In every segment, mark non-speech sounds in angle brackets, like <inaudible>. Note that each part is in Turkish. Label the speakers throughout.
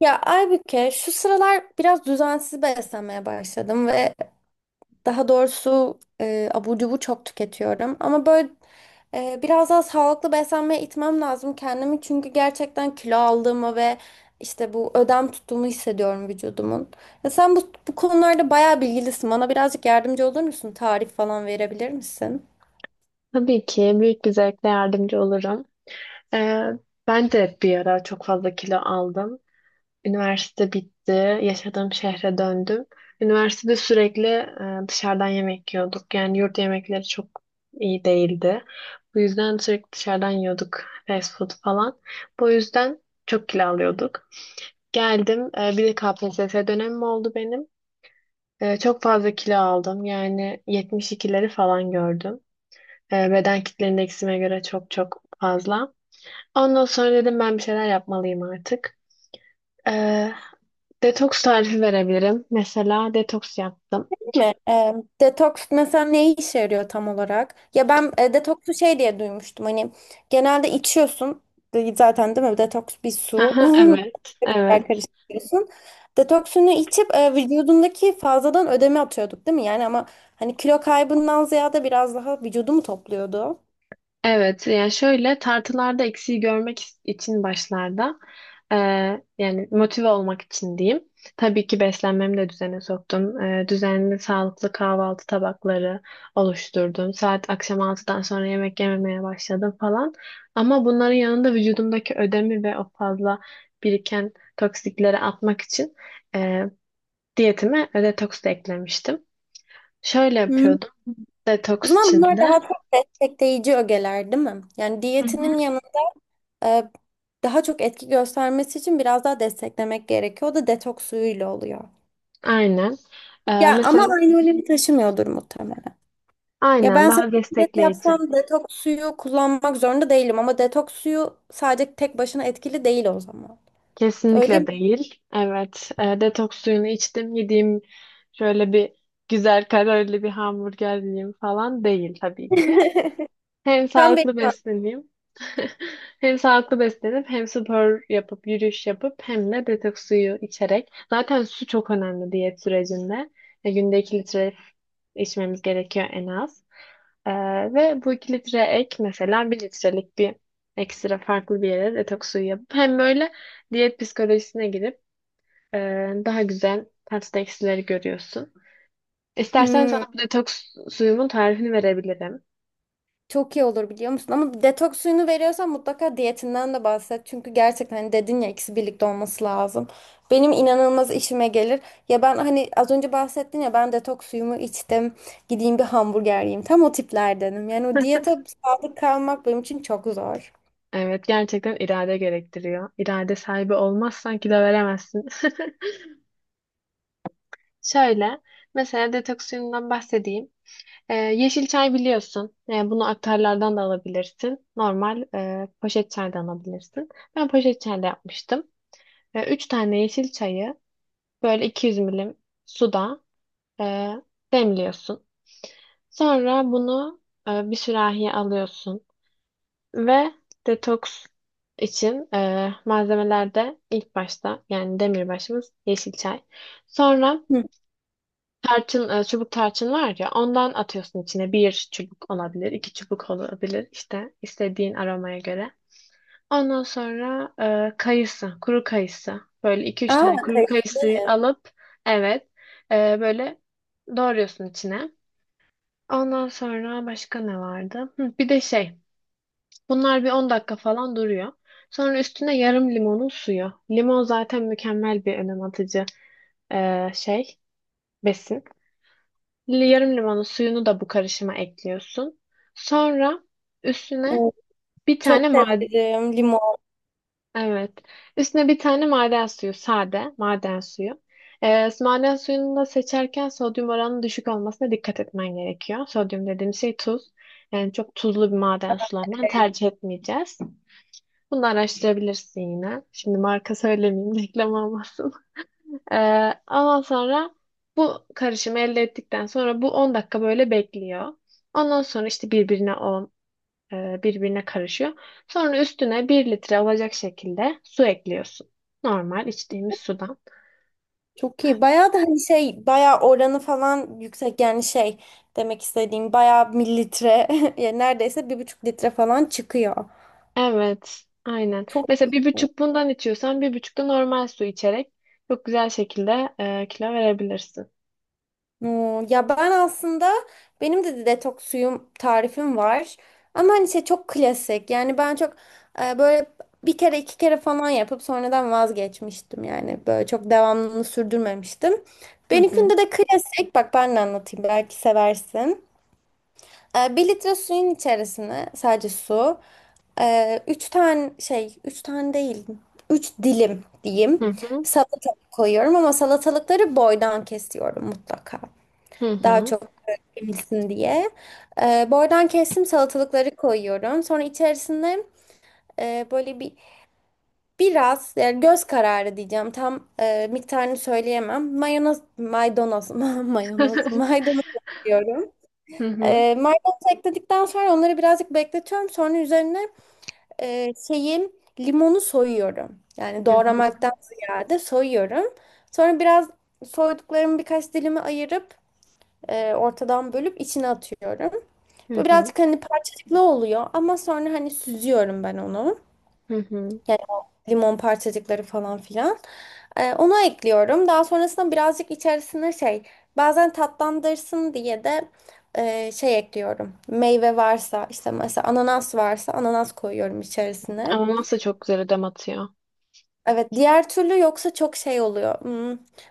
Speaker 1: Ya Aybüke, şu sıralar biraz düzensiz beslenmeye başladım ve daha doğrusu abur cubur çok tüketiyorum. Ama böyle biraz daha sağlıklı beslenmeye itmem lazım kendimi. Çünkü gerçekten kilo aldığımı ve işte bu ödem tuttuğumu hissediyorum vücudumun. Ya sen bu konularda bayağı bilgilisin. Bana birazcık yardımcı olur musun? Tarif falan verebilir misin?
Speaker 2: Tabii ki büyük bir zevkle yardımcı olurum. Ee, Ben de bir ara çok fazla kilo aldım. Üniversite bitti, yaşadığım şehre döndüm. Üniversitede sürekli dışarıdan yemek yiyorduk. Yani yurt yemekleri çok iyi değildi. Bu yüzden sürekli dışarıdan yiyorduk, fast food falan. Bu yüzden çok kilo alıyorduk. Geldim, bir de KPSS dönemim oldu benim. Çok fazla kilo aldım. Yani 72'leri falan gördüm. Beden kitle indeksime göre çok çok fazla. Ondan sonra dedim ben bir şeyler yapmalıyım artık. E, Detoks tarifi verebilirim. Mesela detoks yaptım.
Speaker 1: Mi? Detoks mesela ne işe yarıyor tam olarak? Ya ben detoksu şey diye duymuştum. Hani genelde içiyorsun zaten, değil mi? Detoks bir
Speaker 2: <laughs>
Speaker 1: su.
Speaker 2: Aha, evet,
Speaker 1: <laughs> Tekrar
Speaker 2: evet.
Speaker 1: karıştırıyorsun. Detoksunu içip vücudundaki fazladan ödemi atıyorduk, değil mi? Yani ama hani kilo kaybından ziyade biraz daha vücudu mu topluyordu?
Speaker 2: Evet, yani şöyle tartılarda eksiği görmek için başlarda, e, yani motive olmak için diyeyim. Tabii ki beslenmemi de düzene soktum. Düzenli sağlıklı kahvaltı tabakları oluşturdum. Saat akşam 6'dan sonra yemek yememeye başladım falan. Ama bunların yanında vücudumdaki ödemi ve o fazla biriken toksikleri atmak için, e, diyetime detoks da eklemiştim. Şöyle
Speaker 1: Hmm.
Speaker 2: yapıyordum
Speaker 1: O
Speaker 2: detoks
Speaker 1: zaman bunlar
Speaker 2: içinde.
Speaker 1: daha çok destekleyici ögeler, değil mi? Yani
Speaker 2: Hı hı.
Speaker 1: diyetinin yanı, e, daha çok etki göstermesi için biraz daha desteklemek gerekiyor. O da detoks suyuyla oluyor.
Speaker 2: Aynen.
Speaker 1: Ya ama
Speaker 2: Mesela.
Speaker 1: aynı önemi taşımıyordur muhtemelen. Ya
Speaker 2: Aynen,
Speaker 1: ben
Speaker 2: daha
Speaker 1: sadece diyet
Speaker 2: destekleyici.
Speaker 1: yapsam detoks suyu kullanmak zorunda değilim, ama detoks suyu sadece tek başına etkili değil o zaman. Öyle
Speaker 2: Kesinlikle
Speaker 1: mi?
Speaker 2: değil. Evet. Detoks suyunu içtim. Yediğim şöyle bir güzel kalorili bir hamburger yiyeyim falan değil tabii ki. Hem
Speaker 1: Tam
Speaker 2: sağlıklı
Speaker 1: benim.
Speaker 2: besleneyim. <laughs> Hem sağlıklı beslenip hem spor yapıp yürüyüş yapıp hem de detoks suyu içerek. Zaten su çok önemli diyet sürecinde. Günde 2 litre içmemiz gerekiyor en az. Ee, Ve bu 2 litre ek, mesela 1 litrelik bir ekstra farklı bir yere detoks suyu yapıp hem böyle diyet psikolojisine girip, e, daha güzel tatlı eksileri görüyorsun. İstersen
Speaker 1: Hmm,
Speaker 2: sana bu detoks suyumun tarifini verebilirim.
Speaker 1: çok iyi olur biliyor musun? Ama detoks suyunu veriyorsan mutlaka diyetinden de bahset. Çünkü gerçekten hani dedin ya, ikisi birlikte olması lazım. Benim inanılmaz işime gelir. Ya ben hani az önce bahsettin ya, ben detoks suyumu içtim. Gideyim bir hamburger yiyeyim. Tam o tiplerdenim. Yani o
Speaker 2: <laughs>
Speaker 1: diyete sadık kalmak benim için çok zor.
Speaker 2: Evet, gerçekten irade gerektiriyor. İrade sahibi olmazsan kilo veremezsin. <laughs> Şöyle, mesela detoks suyundan bahsedeyim. Yeşil çay biliyorsun. Bunu aktarlardan da alabilirsin. Normal poşet çaydan alabilirsin. Ben poşet çayda yapmıştım. Üç tane yeşil çayı böyle 200 milim suda e, demliyorsun. Sonra bunu bir sürahiye alıyorsun. Ve detoks için malzemelerde ilk başta yani demirbaşımız yeşil çay. Sonra tarçın, çubuk tarçın var ya, ondan atıyorsun içine. Bir çubuk olabilir, iki çubuk olabilir, işte istediğin aromaya göre. Ondan sonra kayısı, kuru kayısı. Böyle iki üç
Speaker 1: Aa,
Speaker 2: tane kuru
Speaker 1: kayısı.
Speaker 2: kayısıyı alıp, evet, böyle doğruyorsun içine. Ondan sonra başka ne vardı? Hı, bir de şey. Bunlar bir 10 dakika falan duruyor. Sonra üstüne yarım limonun suyu. Limon zaten mükemmel bir önem atıcı eee, şey, besin. Yarım limonun suyunu da bu karışıma ekliyorsun. Sonra üstüne bir
Speaker 1: Çok
Speaker 2: tane maden,
Speaker 1: severim limon.
Speaker 2: evet. Üstüne bir tane maden suyu, sade maden suyu. Maden suyunu da seçerken sodyum oranının düşük olmasına dikkat etmen gerekiyor. Sodyum dediğim şey tuz. Yani çok tuzlu bir maden sularından tercih etmeyeceğiz. Bunu da araştırabilirsin yine. Şimdi marka söylemeyeyim, reklam olmasın. <laughs> Ee, Ondan sonra bu karışımı elde ettikten sonra bu 10 dakika böyle bekliyor. Ondan sonra işte birbirine birbirine karışıyor. Sonra üstüne 1 litre olacak şekilde su ekliyorsun. Normal içtiğimiz sudan.
Speaker 1: Çok iyi. Bayağı da hani şey, bayağı oranı falan yüksek, yani şey demek istediğim bayağı mililitre <laughs> yani neredeyse bir buçuk litre falan çıkıyor.
Speaker 2: Evet, aynen.
Speaker 1: Çok
Speaker 2: Mesela
Speaker 1: iyi.
Speaker 2: bir buçuk bundan içiyorsan, bir buçuk da normal su içerek çok güzel şekilde kilo verebilirsin.
Speaker 1: Hmm, ya ben aslında benim de detoks suyum tarifim var. Ama hani şey, çok klasik. Yani ben çok böyle bir kere iki kere falan yapıp sonradan vazgeçmiştim. Yani böyle çok devamlılığını sürdürmemiştim.
Speaker 2: Hı hı.
Speaker 1: Benimkinde de klasik. Bak ben de anlatayım, belki seversin. 1 litre suyun içerisine sadece su. Üç tane değil, üç dilim
Speaker 2: Hı
Speaker 1: diyeyim.
Speaker 2: hı.
Speaker 1: Salatalık koyuyorum, ama salatalıkları boydan kesiyorum mutlaka.
Speaker 2: Hı
Speaker 1: Daha
Speaker 2: hı.
Speaker 1: çok emilsin diye. Boydan kestim, salatalıkları koyuyorum. Sonra içerisine böyle bir biraz, yani göz kararı diyeceğim. Tam miktarını söyleyemem. <laughs>
Speaker 2: <laughs>
Speaker 1: Maydanoz koyuyorum.
Speaker 2: Hı hı.
Speaker 1: Maydanozu ekledikten sonra onları birazcık bekletiyorum. Sonra üzerine şeyi, limonu soyuyorum. Yani
Speaker 2: Hı hı.
Speaker 1: doğramaktan ziyade soyuyorum. Sonra biraz soyduklarımı birkaç dilime ayırıp ortadan bölüp içine atıyorum.
Speaker 2: Hı
Speaker 1: Bu
Speaker 2: hı.
Speaker 1: birazcık hani parçacıklı oluyor, ama sonra hani süzüyorum ben onu.
Speaker 2: Hı hı.
Speaker 1: Yani o limon parçacıkları falan filan. Onu ekliyorum. Daha sonrasında birazcık içerisine şey, bazen tatlandırsın diye de şey ekliyorum. Meyve varsa işte mesela ananas varsa ananas koyuyorum içerisine.
Speaker 2: Ama nasıl çok güzel ödem atıyor.
Speaker 1: Evet, diğer türlü yoksa çok şey oluyor. Hmm,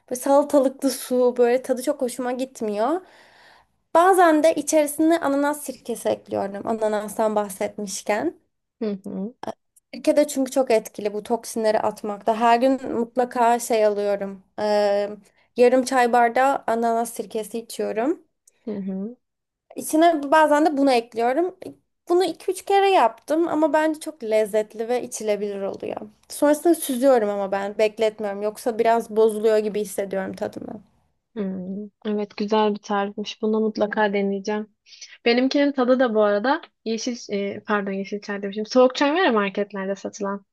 Speaker 1: böyle salatalıklı su böyle tadı çok hoşuma gitmiyor. Bazen de içerisine ananas sirkesi ekliyorum. Ananastan bahsetmişken.
Speaker 2: Hı hı.
Speaker 1: Sirke de çünkü çok etkili bu toksinleri atmakta. Her gün mutlaka şey alıyorum. Yarım çay bardağı ananas sirkesi içiyorum.
Speaker 2: Hı hı.
Speaker 1: İçine bazen de bunu ekliyorum. Bunu iki üç kere yaptım, ama bence çok lezzetli ve içilebilir oluyor. Sonrasında süzüyorum, ama ben bekletmiyorum. Yoksa biraz bozuluyor gibi hissediyorum tadını.
Speaker 2: Hmm. Evet, güzel bir tarifmiş. Bunu mutlaka deneyeceğim. Benimkinin tadı da bu arada yeşil, pardon, yeşil çay demişim. Soğuk çay var ya marketlerde satılan,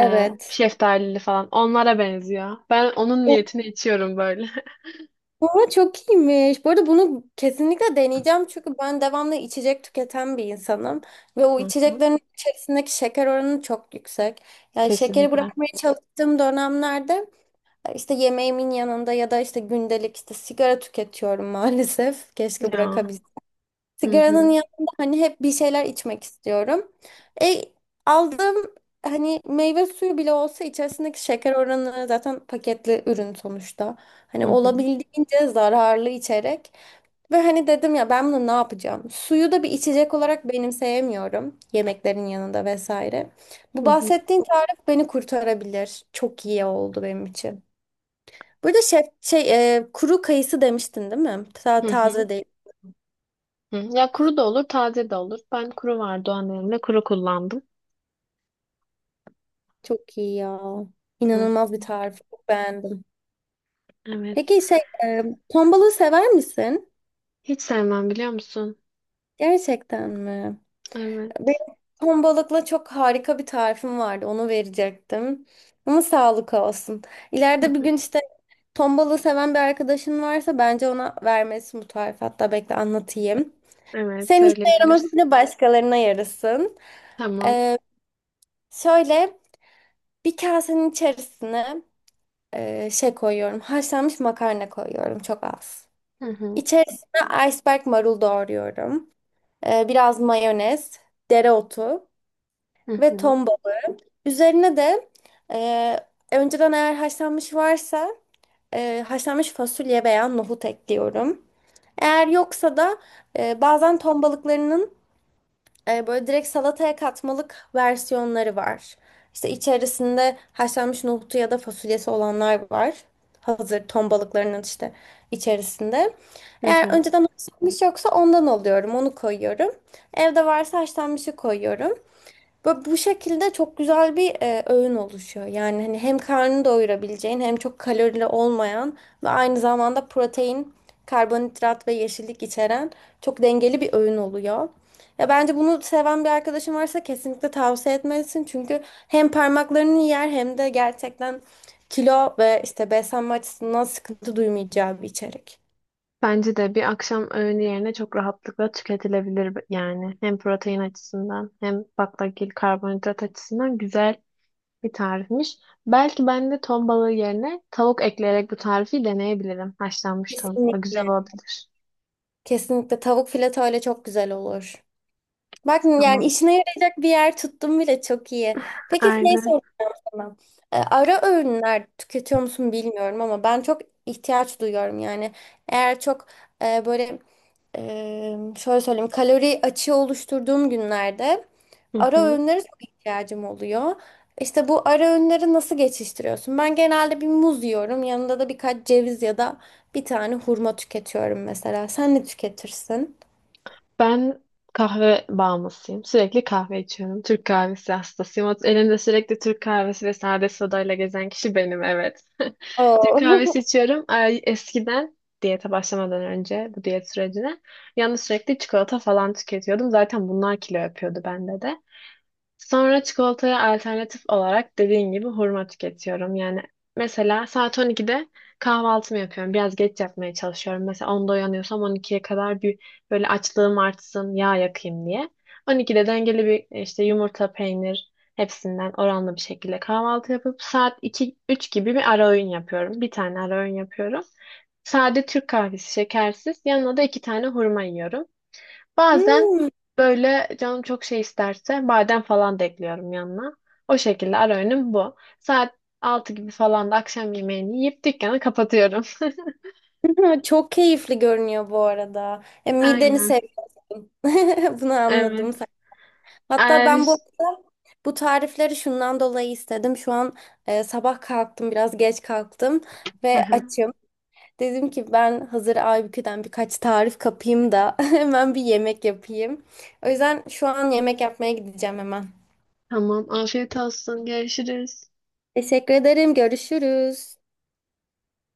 Speaker 2: şeftalili falan. Onlara benziyor. Ben onun niyetini içiyorum böyle.
Speaker 1: Ama çok iyiymiş. Bu arada bunu kesinlikle deneyeceğim, çünkü ben devamlı içecek tüketen bir insanım ve
Speaker 2: <laughs>
Speaker 1: o
Speaker 2: Hı hı.
Speaker 1: içeceklerin içerisindeki şeker oranı çok yüksek. Yani şekeri
Speaker 2: Kesinlikle.
Speaker 1: bırakmaya çalıştığım dönemlerde işte yemeğimin yanında ya da işte gündelik işte sigara tüketiyorum <laughs> maalesef. Keşke
Speaker 2: Ya.
Speaker 1: bırakabilsem.
Speaker 2: Hı
Speaker 1: Sigaranın
Speaker 2: hı.
Speaker 1: yanında hani hep bir şeyler içmek istiyorum. E, Aldığım hani meyve suyu bile olsa içerisindeki şeker oranı zaten paketli ürün sonuçta.
Speaker 2: Hı
Speaker 1: Hani
Speaker 2: hı.
Speaker 1: olabildiğince zararlı içerek ve hani dedim ya, ben bunu ne yapacağım? Suyu da bir içecek olarak benimseyemiyorum yemeklerin yanında vesaire. Bu
Speaker 2: Hı hı.
Speaker 1: bahsettiğin tarif beni kurtarabilir. Çok iyi oldu benim için. Burada şef şey, kuru kayısı demiştin değil mi? Ta
Speaker 2: Hı hı.
Speaker 1: taze değil.
Speaker 2: Hı. Ya kuru da olur, taze de olur. Ben kuru vardı, o annemle kuru kullandım.
Speaker 1: Çok iyi ya.
Speaker 2: Hı.
Speaker 1: İnanılmaz bir tarif. Çok beğendim.
Speaker 2: Evet.
Speaker 1: Peki şey, e, ton balığı sever misin?
Speaker 2: Hiç sevmem, biliyor musun?
Speaker 1: Gerçekten mi?
Speaker 2: Evet.
Speaker 1: Benim ton balıkla çok harika bir tarifim vardı. Onu verecektim. Ama sağlık olsun. İleride bir gün
Speaker 2: <laughs>
Speaker 1: işte ton balığı seven bir arkadaşın varsa bence ona vermesin bu tarifi. Hatta bekle anlatayım.
Speaker 2: Evet,
Speaker 1: Senin işine yaraması
Speaker 2: söyleyebilirsin.
Speaker 1: bile başkalarına yarasın.
Speaker 2: Tamam.
Speaker 1: E, şöyle bir kasenin içerisine şey koyuyorum. Haşlanmış makarna koyuyorum. Çok az.
Speaker 2: Hı hı,
Speaker 1: İçerisine iceberg marul doğruyorum. Biraz mayonez, dereotu
Speaker 2: hı
Speaker 1: ve
Speaker 2: hı,
Speaker 1: ton balığı. Üzerine de önceden eğer haşlanmış varsa haşlanmış fasulye veya nohut ekliyorum. Eğer yoksa da bazen ton balıklarının böyle direkt salataya katmalık versiyonları var. İşte içerisinde haşlanmış nohutu ya da fasulyesi olanlar var. Hazır ton balıklarının işte içerisinde.
Speaker 2: hı
Speaker 1: Eğer
Speaker 2: hı.
Speaker 1: önceden haşlanmış yoksa ondan alıyorum, onu koyuyorum. Evde varsa haşlanmışı koyuyorum. Böyle bu şekilde çok güzel bir öğün oluşuyor. Yani hani hem karnını doyurabileceğin hem çok kalorili olmayan ve aynı zamanda protein, karbonhidrat ve yeşillik içeren çok dengeli bir öğün oluyor. Ya bence bunu seven bir arkadaşın varsa kesinlikle tavsiye etmelisin. Çünkü hem parmaklarını yer hem de gerçekten kilo ve işte beslenme açısından sıkıntı duymayacağı bir içerik.
Speaker 2: Bence de bir akşam öğünü yerine çok rahatlıkla tüketilebilir yani. Hem protein açısından hem baklagil karbonhidrat açısından güzel bir tarifmiş. Belki ben de ton balığı yerine tavuk ekleyerek bu tarifi deneyebilirim. Haşlanmış tavukla
Speaker 1: Kesinlikle.
Speaker 2: güzel olabilir.
Speaker 1: Kesinlikle tavuk fileto ile çok güzel olur. Bak yani
Speaker 2: Tamam.
Speaker 1: işine yarayacak bir yer tuttum bile, çok iyi. Peki şey
Speaker 2: Aynen.
Speaker 1: soracağım. Ben. Ara öğünler tüketiyor musun bilmiyorum ama ben çok ihtiyaç duyuyorum yani. Eğer çok böyle şöyle söyleyeyim, kalori açığı oluşturduğum günlerde
Speaker 2: Hı
Speaker 1: ara
Speaker 2: hı.
Speaker 1: öğünlere çok ihtiyacım oluyor. İşte bu ara öğünleri nasıl geçiştiriyorsun? Ben genelde bir muz yiyorum. Yanında da birkaç ceviz ya da bir tane hurma tüketiyorum mesela. Sen ne tüketirsin?
Speaker 2: Ben kahve bağımlısıyım. Sürekli kahve içiyorum. Türk kahvesi hastasıyım. Elimde sürekli Türk kahvesi ve sade sodayla gezen kişi benim, evet. <laughs> Türk
Speaker 1: Oo.
Speaker 2: kahvesi
Speaker 1: <laughs>
Speaker 2: içiyorum. Ay, eskiden diyete başlamadan önce, bu diyet sürecine yalnız, sürekli çikolata falan tüketiyordum. Zaten bunlar kilo yapıyordu bende de. Sonra çikolataya alternatif olarak dediğin gibi hurma tüketiyorum. Yani mesela saat 12'de kahvaltımı yapıyorum. Biraz geç yapmaya çalışıyorum. Mesela 10'da uyanıyorsam 12'ye kadar bir, böyle açlığım artsın, yağ yakayım diye. 12'de dengeli bir işte yumurta, peynir, hepsinden oranlı bir şekilde kahvaltı yapıp saat iki üç gibi bir ara öğün yapıyorum. Bir tane ara öğün yapıyorum. Sade Türk kahvesi, şekersiz. Yanına da iki tane hurma yiyorum. Bazen
Speaker 1: Hmm.
Speaker 2: böyle canım çok şey isterse badem falan da ekliyorum yanına. O şekilde ara öğünüm bu. Saat 6 gibi falan da akşam yemeğini yiyip dükkanı kapatıyorum. <laughs>
Speaker 1: Ha, çok keyifli görünüyor bu arada. Mideni
Speaker 2: Aynen.
Speaker 1: seviyorsun. <laughs> Bunu anladım sen.
Speaker 2: Evet.
Speaker 1: Hatta
Speaker 2: Er...
Speaker 1: ben bu arada bu tarifleri şundan dolayı istedim. Şu an sabah kalktım, biraz geç kalktım
Speaker 2: Hı
Speaker 1: ve
Speaker 2: hı.
Speaker 1: açım. Dedim ki ben hazır Aybükü'den birkaç tarif kapayım da <laughs> hemen bir yemek yapayım. O yüzden şu an yemek yapmaya gideceğim hemen.
Speaker 2: Tamam. Afiyet olsun. Görüşürüz.
Speaker 1: Teşekkür ederim. Görüşürüz.